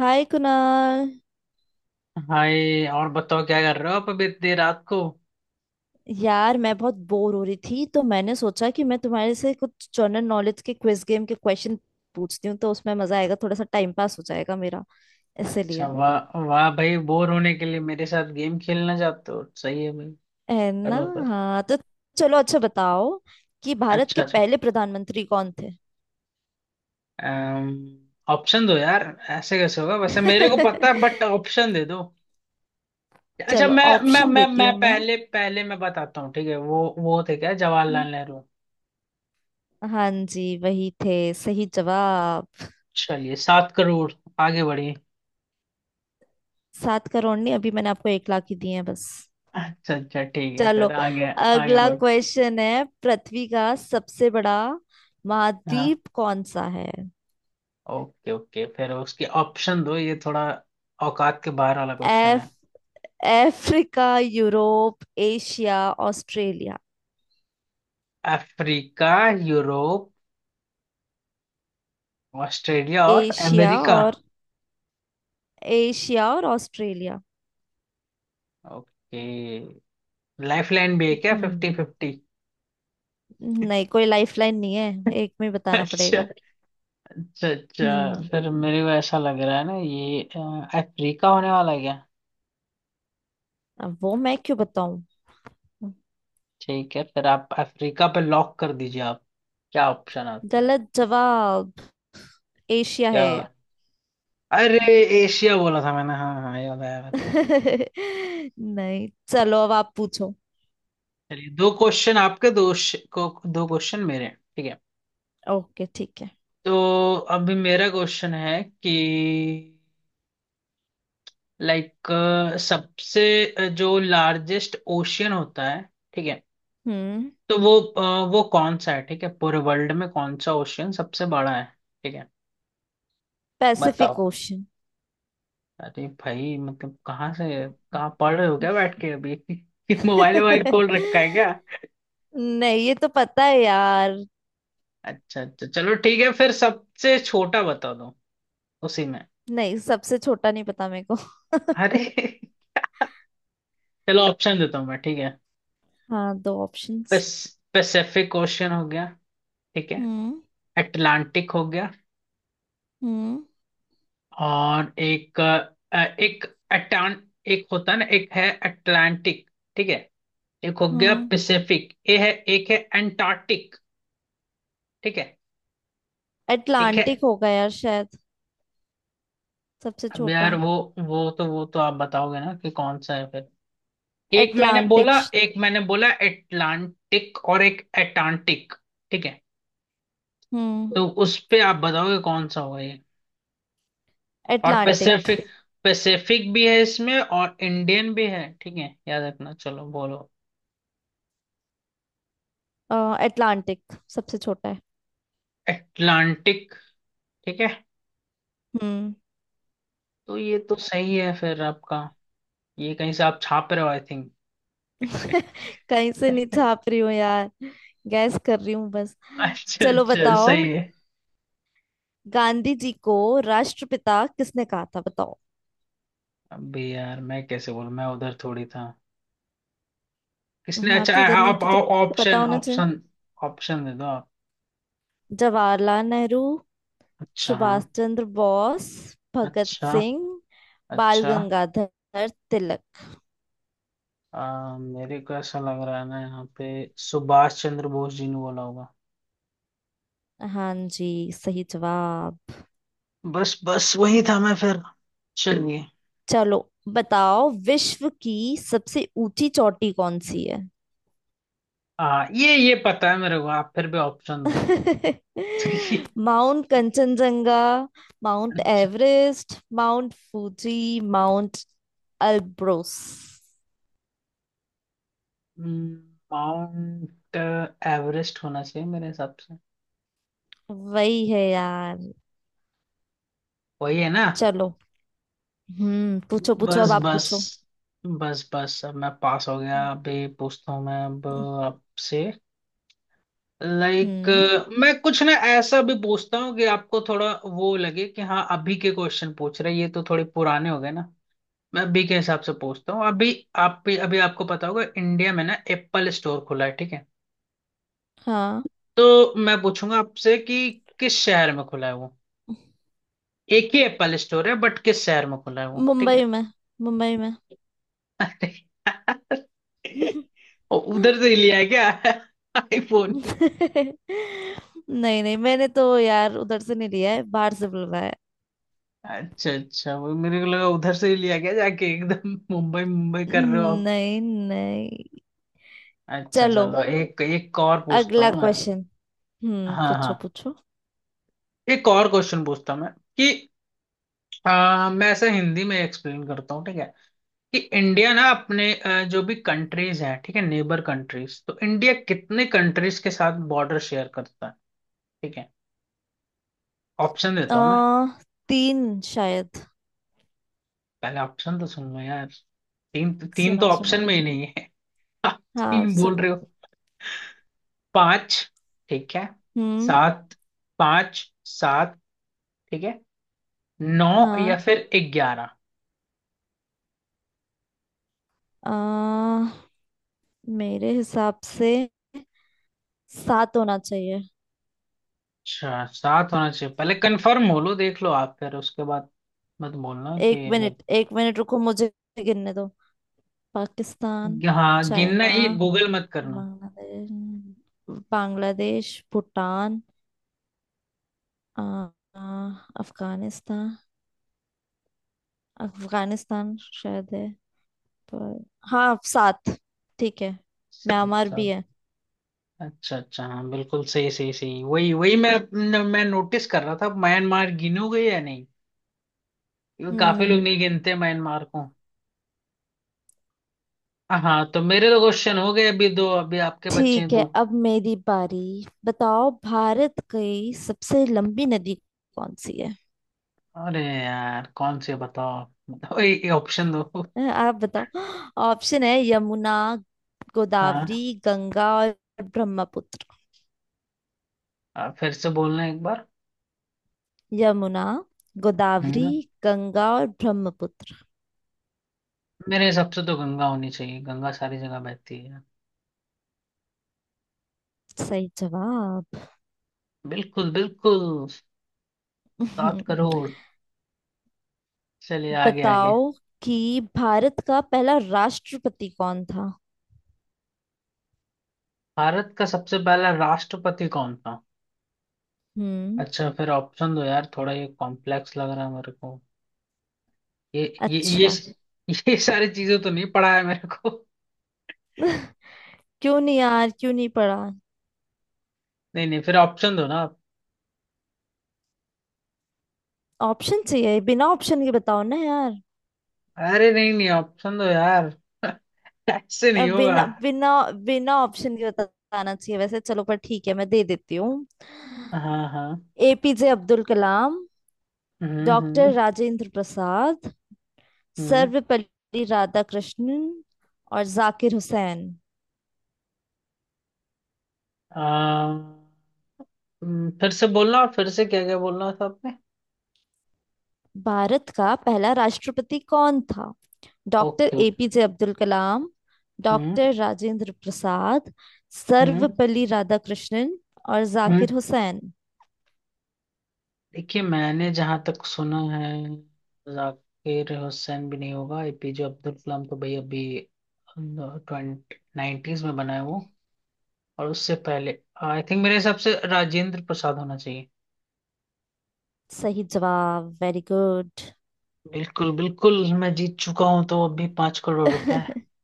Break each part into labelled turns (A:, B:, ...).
A: हाय Kunal.
B: Hi. और बताओ क्या कर रहे हो आप अभी इतनी रात को।
A: यार मैं बहुत बोर हो रही थी तो मैंने सोचा कि मैं तुम्हारे से कुछ जनरल नॉलेज के क्विज गेम के क्वेश्चन पूछती हूँ तो उसमें मजा आएगा, थोड़ा सा टाइम पास हो जाएगा मेरा,
B: अच्छा,
A: इसलिए।
B: वाह वाह भाई, बोर होने के लिए मेरे साथ गेम खेलना चाहते हो। सही है भाई,
A: है ना?
B: करो फिर।
A: हाँ तो चलो, अच्छा बताओ कि भारत
B: अच्छा
A: के
B: अच्छा,
A: पहले प्रधानमंत्री कौन थे?
B: ऑप्शन दो यार। ऐसे कैसे होगा, वैसे मेरे को पता है बट ऑप्शन दे दो। अच्छा,
A: चलो ऑप्शन देती
B: मैं
A: हूँ मैं।
B: पहले पहले मैं बताता हूँ, ठीक है। वो थे क्या,
A: हम्म,
B: जवाहरलाल नेहरू।
A: हाँ जी वही थे, सही जवाब।
B: चलिए 7 करोड़, आगे बढ़िए।
A: 7 करोड़ नहीं, अभी मैंने आपको 1 लाख ही दिए हैं बस।
B: अच्छा अच्छा, ठीक है
A: चलो,
B: फिर आगे, आगे
A: अगला
B: बढ़।
A: क्वेश्चन है, पृथ्वी का सबसे बड़ा
B: हाँ।
A: महाद्वीप कौन सा है?
B: ओके ओके, फिर उसके ऑप्शन दो, ये थोड़ा औकात के बाहर वाला क्वेश्चन है।
A: F, Africa, Europe, Asia, Australia.
B: Africa, Europe, Australia और
A: एशिया
B: अमेरिका।
A: और एशिया और ऑस्ट्रेलिया।
B: ओके, लाइफ लाइन भी है क्या,
A: हम्म।
B: Fifty fifty?
A: नहीं, कोई लाइफलाइन नहीं है, एक में ही बताना
B: अच्छा
A: पड़ेगा।
B: अच्छा अच्छा,
A: हम्म।
B: फिर मेरे को ऐसा लग रहा है ना, ये अफ्रीका होने वाला है क्या?
A: अब वो मैं क्यों बताऊं?
B: ठीक है, फिर आप अफ्रीका पे लॉक कर दीजिए आप। क्या ऑप्शन आता है?
A: गलत जवाब, एशिया
B: क्या?
A: है।
B: अरे, एशिया बोला था मैंने। हाँ हाँ, ये वाला है मेरे को।
A: नहीं चलो, अब आप पूछो।
B: चलिए, दो क्वेश्चन आपके, को दो क्वेश्चन मेरे, ठीक है।
A: ओके, ठीक है।
B: तो अभी मेरा क्वेश्चन है कि, लाइक, सबसे जो लार्जेस्ट ओशियन होता है, ठीक है,
A: हम्म।
B: तो वो वो कौन सा है? ठीक है, पूरे वर्ल्ड में कौन सा ओशियन सबसे बड़ा है? ठीक है,
A: पैसिफिक
B: बताओ।
A: ओशन।
B: अरे भाई, मतलब कहाँ से कहाँ पढ़ रहे हो क्या बैठ के अभी मोबाइल वोबाइल खोल रखा है क्या?
A: नहीं, ये तो पता है यार।
B: अच्छा अच्छा, चलो ठीक है, फिर सबसे छोटा बता दो, उसी में।
A: नहीं, सबसे छोटा नहीं पता मेरे को।
B: अरे चलो ऑप्शन देता हूँ मैं, ठीक है।
A: हाँ, दो ऑप्शंस।
B: पैसिफिक ओशियन हो गया, ठीक है।
A: हम्म।
B: अटलांटिक हो गया,
A: हम्म।
B: और एक, एक अटान, एक होता है ना, एक है अटलांटिक, ठीक है। एक हो गया
A: हम्म।
B: पैसिफिक ये है, एक है अंटार्कटिक, ठीक है, एक है।
A: अटलांटिक होगा यार शायद। सबसे
B: अब
A: छोटा
B: यार वो, वो तो आप बताओगे ना कि कौन सा है फिर। एक मैंने
A: अटलांटिक।
B: बोला एक मैंने बोला अटलांटिक और एक अटांटिक, ठीक है।
A: हम्म।
B: तो उस पे आप बताओगे कौन सा होगा ये। और
A: अटलांटिक।
B: पैसिफिक, पैसिफिक भी है इसमें और इंडियन भी है, ठीक है, याद रखना, चलो बोलो।
A: अटलांटिक सबसे छोटा है।
B: एटलांटिक, ठीक है।
A: हम्म।
B: तो ये तो सही है फिर आपका, ये कहीं से आप छाप रहे हो आई थिंक।
A: कहीं से नहीं छाप रही हूँ यार, गैस कर रही हूँ बस।
B: अच्छा
A: चलो
B: अच्छा,
A: बताओ,
B: सही है।
A: गांधी जी को राष्ट्रपिता किसने कहा था? बताओ।
B: अभी यार मैं कैसे बोलूं, मैं उधर थोड़ी था। किसने,
A: हाँ
B: अच्छा,
A: तो उधर नहीं
B: आप
A: थे तो पता
B: ऑप्शन,
A: होना चाहिए।
B: ऑप्शन दे दो आप।
A: जवाहरलाल नेहरू,
B: अच्छा, हाँ।
A: सुभाष चंद्र बोस, भगत
B: अच्छा
A: सिंह, बाल
B: अच्छा।
A: गंगाधर तिलक।
B: मेरे को ऐसा लग रहा है ना यहाँ पे, सुभाष चंद्र बोस जी ने बोला होगा।
A: हाँ जी, सही जवाब।
B: बस बस, वही था मैं फिर, चलिए।
A: चलो बताओ, विश्व की सबसे ऊंची चोटी कौन सी है?
B: ये पता है मेरे को, आप फिर भी ऑप्शन दो
A: mount Kanchenjunga, mount Everest, mount Fuji, mount Elbrus.
B: Mount Everest होना चाहिए मेरे हिसाब से।
A: वही है यार।
B: वही है ना?
A: चलो। हम्म, पूछो पूछो, अब
B: बस
A: आप
B: बस
A: पूछो।
B: बस बस, अब मैं पास हो गया, अभी पूछता हूँ मैं अब आपसे। लाइक,
A: हम्म।
B: मैं कुछ ना ऐसा भी पूछता हूँ कि आपको थोड़ा वो लगे कि हाँ अभी के क्वेश्चन पूछ रहे हैं, ये तो थोड़े पुराने हो गए ना। मैं अभी के हिसाब से पूछता हूँ अभी। आप भी, अभी आपको पता होगा, इंडिया में ना एप्पल स्टोर खुला है, ठीक है।
A: हाँ।
B: तो मैं पूछूंगा आपसे कि किस शहर में खुला है वो। एक ही एप्पल स्टोर है बट किस शहर में खुला है वो, ठीक है।
A: मुंबई में, मुंबई में।
B: अरे यार, उधर से ही लिया है क्या आईफोन?
A: नहीं नहीं, मैंने तो यार उधर से नहीं लिया है, बाहर से बुलवाया है।
B: अच्छा अच्छा, वो मेरे को लगा उधर से ही लिया गया जाके, एकदम मुंबई मुंबई कर रहे हो आप।
A: नहीं नहीं।
B: अच्छा
A: चलो,
B: चलो, एक एक और पूछता
A: अगला
B: हूँ मैं।
A: क्वेश्चन। हम्म,
B: हाँ
A: पूछो
B: हाँ,
A: पूछो।
B: एक और क्वेश्चन पूछता हूँ मैं कि मैं ऐसे हिंदी में एक्सप्लेन करता हूँ, ठीक है। कि इंडिया ना अपने जो भी कंट्रीज हैं, ठीक है, नेबर कंट्रीज, तो इंडिया कितने कंट्रीज के साथ बॉर्डर शेयर करता है, ठीक है। ऑप्शन
A: आ,
B: देता हूँ मैं।
A: तीन शायद।
B: पहले ऑप्शन तो सुन लो यार, तीन, तीन तो
A: सुनो सुनो।
B: ऑप्शन में ही नहीं है आप
A: हाँ
B: तीन बोल
A: सुन।
B: रहे हो। पांच, ठीक है,
A: हम्म।
B: सात, पांच, सात, ठीक है, नौ,
A: हाँ।
B: या फिर 11।
A: आ, मेरे हिसाब से सात होना चाहिए।
B: अच्छा, सात होना चाहिए? पहले कंफर्म हो लो देख लो आप, फिर उसके बाद मत बोलना
A: एक
B: कि like।
A: मिनट, एक मिनट, रुको मुझे गिनने दो। पाकिस्तान,
B: हाँ गिनना,
A: चाइना,
B: ये गूगल मत करना।
A: बांग्लादेश, बांग्लादेश, भूटान, आ, आ, अफगानिस्तान। अफगानिस्तान शायद है। पर हाँ, सात। ठीक है,
B: सात
A: म्यांमार भी
B: सात।
A: है।
B: अच्छा अच्छा, हाँ बिल्कुल, सही सही सही, वही वही मैं नोटिस कर रहा था म्यांमार गिनोगे या नहीं, क्योंकि काफी लोग
A: हम्म।
B: नहीं गिनते म्यांमार को। हाँ तो मेरे तो क्वेश्चन हो गए, अभी दो, अभी आपके बच्चे हैं
A: ठीक है,
B: दो।
A: अब मेरी बारी। बताओ, भारत की सबसे लंबी नदी कौन सी है?
B: अरे यार, कौन से बताओ बताओ, ये ऑप्शन दो।
A: आप बताओ। ऑप्शन है, यमुना, गोदावरी,
B: हाँ,
A: गंगा और ब्रह्मपुत्र।
B: आप फिर से बोलना एक बार।
A: यमुना, गोदावरी,
B: हम्म।
A: गंगा और ब्रह्मपुत्र।
B: मेरे हिसाब से तो गंगा होनी चाहिए, गंगा सारी जगह बहती है।
A: सही जवाब।
B: बिल्कुल बिल्कुल। सात करोड़ चलिए आगे आगे।
A: बताओ कि भारत का पहला राष्ट्रपति कौन था?
B: भारत का सबसे पहला राष्ट्रपति कौन था?
A: हम्म।
B: अच्छा, फिर ऑप्शन दो यार, थोड़ा ये कॉम्प्लेक्स लग रहा है मेरे को। ये ये ये
A: अच्छा।
B: ये सारी चीजें तो नहीं पढ़ा है मेरे को।
A: क्यों नहीं यार, क्यों नहीं पढ़ा?
B: नहीं नहीं, फिर ऑप्शन दो ना आप।
A: ऑप्शन चाहिए? बिना ऑप्शन के बताओ ना यार।
B: अरे नहीं नहीं, ऑप्शन दो यार ऐसे नहीं
A: अब
B: होगा।
A: बिना बिना बिना ऑप्शन के बताना चाहिए वैसे, चलो पर ठीक है, मैं दे देती हूँ।
B: हाँ हाँ।
A: एपीजे अब्दुल कलाम,
B: हम्म
A: डॉक्टर
B: हम्म
A: राजेंद्र प्रसाद,
B: हम्म।
A: सर्वपल्ली राधाकृष्णन और जाकिर हुसैन।
B: आ, फिर से बोलना, और फिर से क्या क्या बोलना था आपने।
A: भारत का पहला राष्ट्रपति कौन था? Doctor
B: okay okay.
A: APJ Abdul Kalam,
B: हम्म
A: डॉक्टर राजेंद्र प्रसाद,
B: हम्म
A: सर्वपल्ली राधाकृष्णन और
B: हम्म।
A: जाकिर हुसैन।
B: देखिए मैंने जहां तक सुना है, जाकिर हुसैन भी नहीं होगा, एपीजे अब्दुल कलाम तो भाई अभी ट्वेंटी नाइन्टीज में बना है वो, और उससे पहले, आई थिंक मेरे हिसाब से राजेंद्र प्रसाद होना चाहिए।
A: सही जवाब, वेरी गुड।
B: बिल्कुल बिल्कुल, मैं जीत चुका हूँ, तो अभी 5 करोड़ रुपए।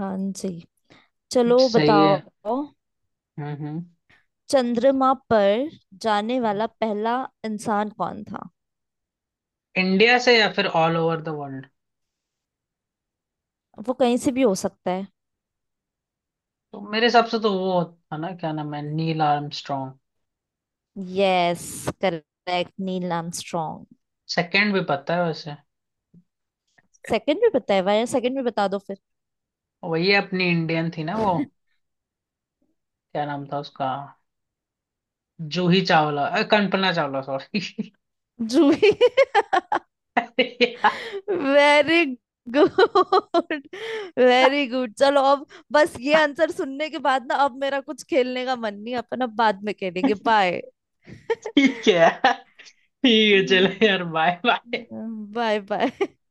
A: हाँ जी, चलो
B: सही
A: बताओ,
B: है। हम्म।
A: चंद्रमा पर जाने वाला पहला इंसान कौन था?
B: इंडिया से या फिर ऑल ओवर द वर्ल्ड?
A: वो कहीं से भी हो सकता है।
B: तो मेरे हिसाब से तो वो था ना, क्या नाम है, Neil Armstrong.
A: Yes, correct, Neil Armstrong.
B: Second भी पता है वैसे।
A: सेकंड भी बताया हुआ है, सेकंड भी बता दो फिर।
B: वही अपनी इंडियन थी ना वो, क्या नाम था उसका, जूही चावला, कल्पना चावला सॉरी
A: जूही, वेरी गुड, वेरी गुड। चलो अब, बस ये आंसर सुनने के बाद ना अब मेरा कुछ खेलने का मन नहीं। अपन अब बाद में खेलेंगे। बाय।
B: ठीक है, ठीक है चलो यार, बाय बाय।
A: Bye bye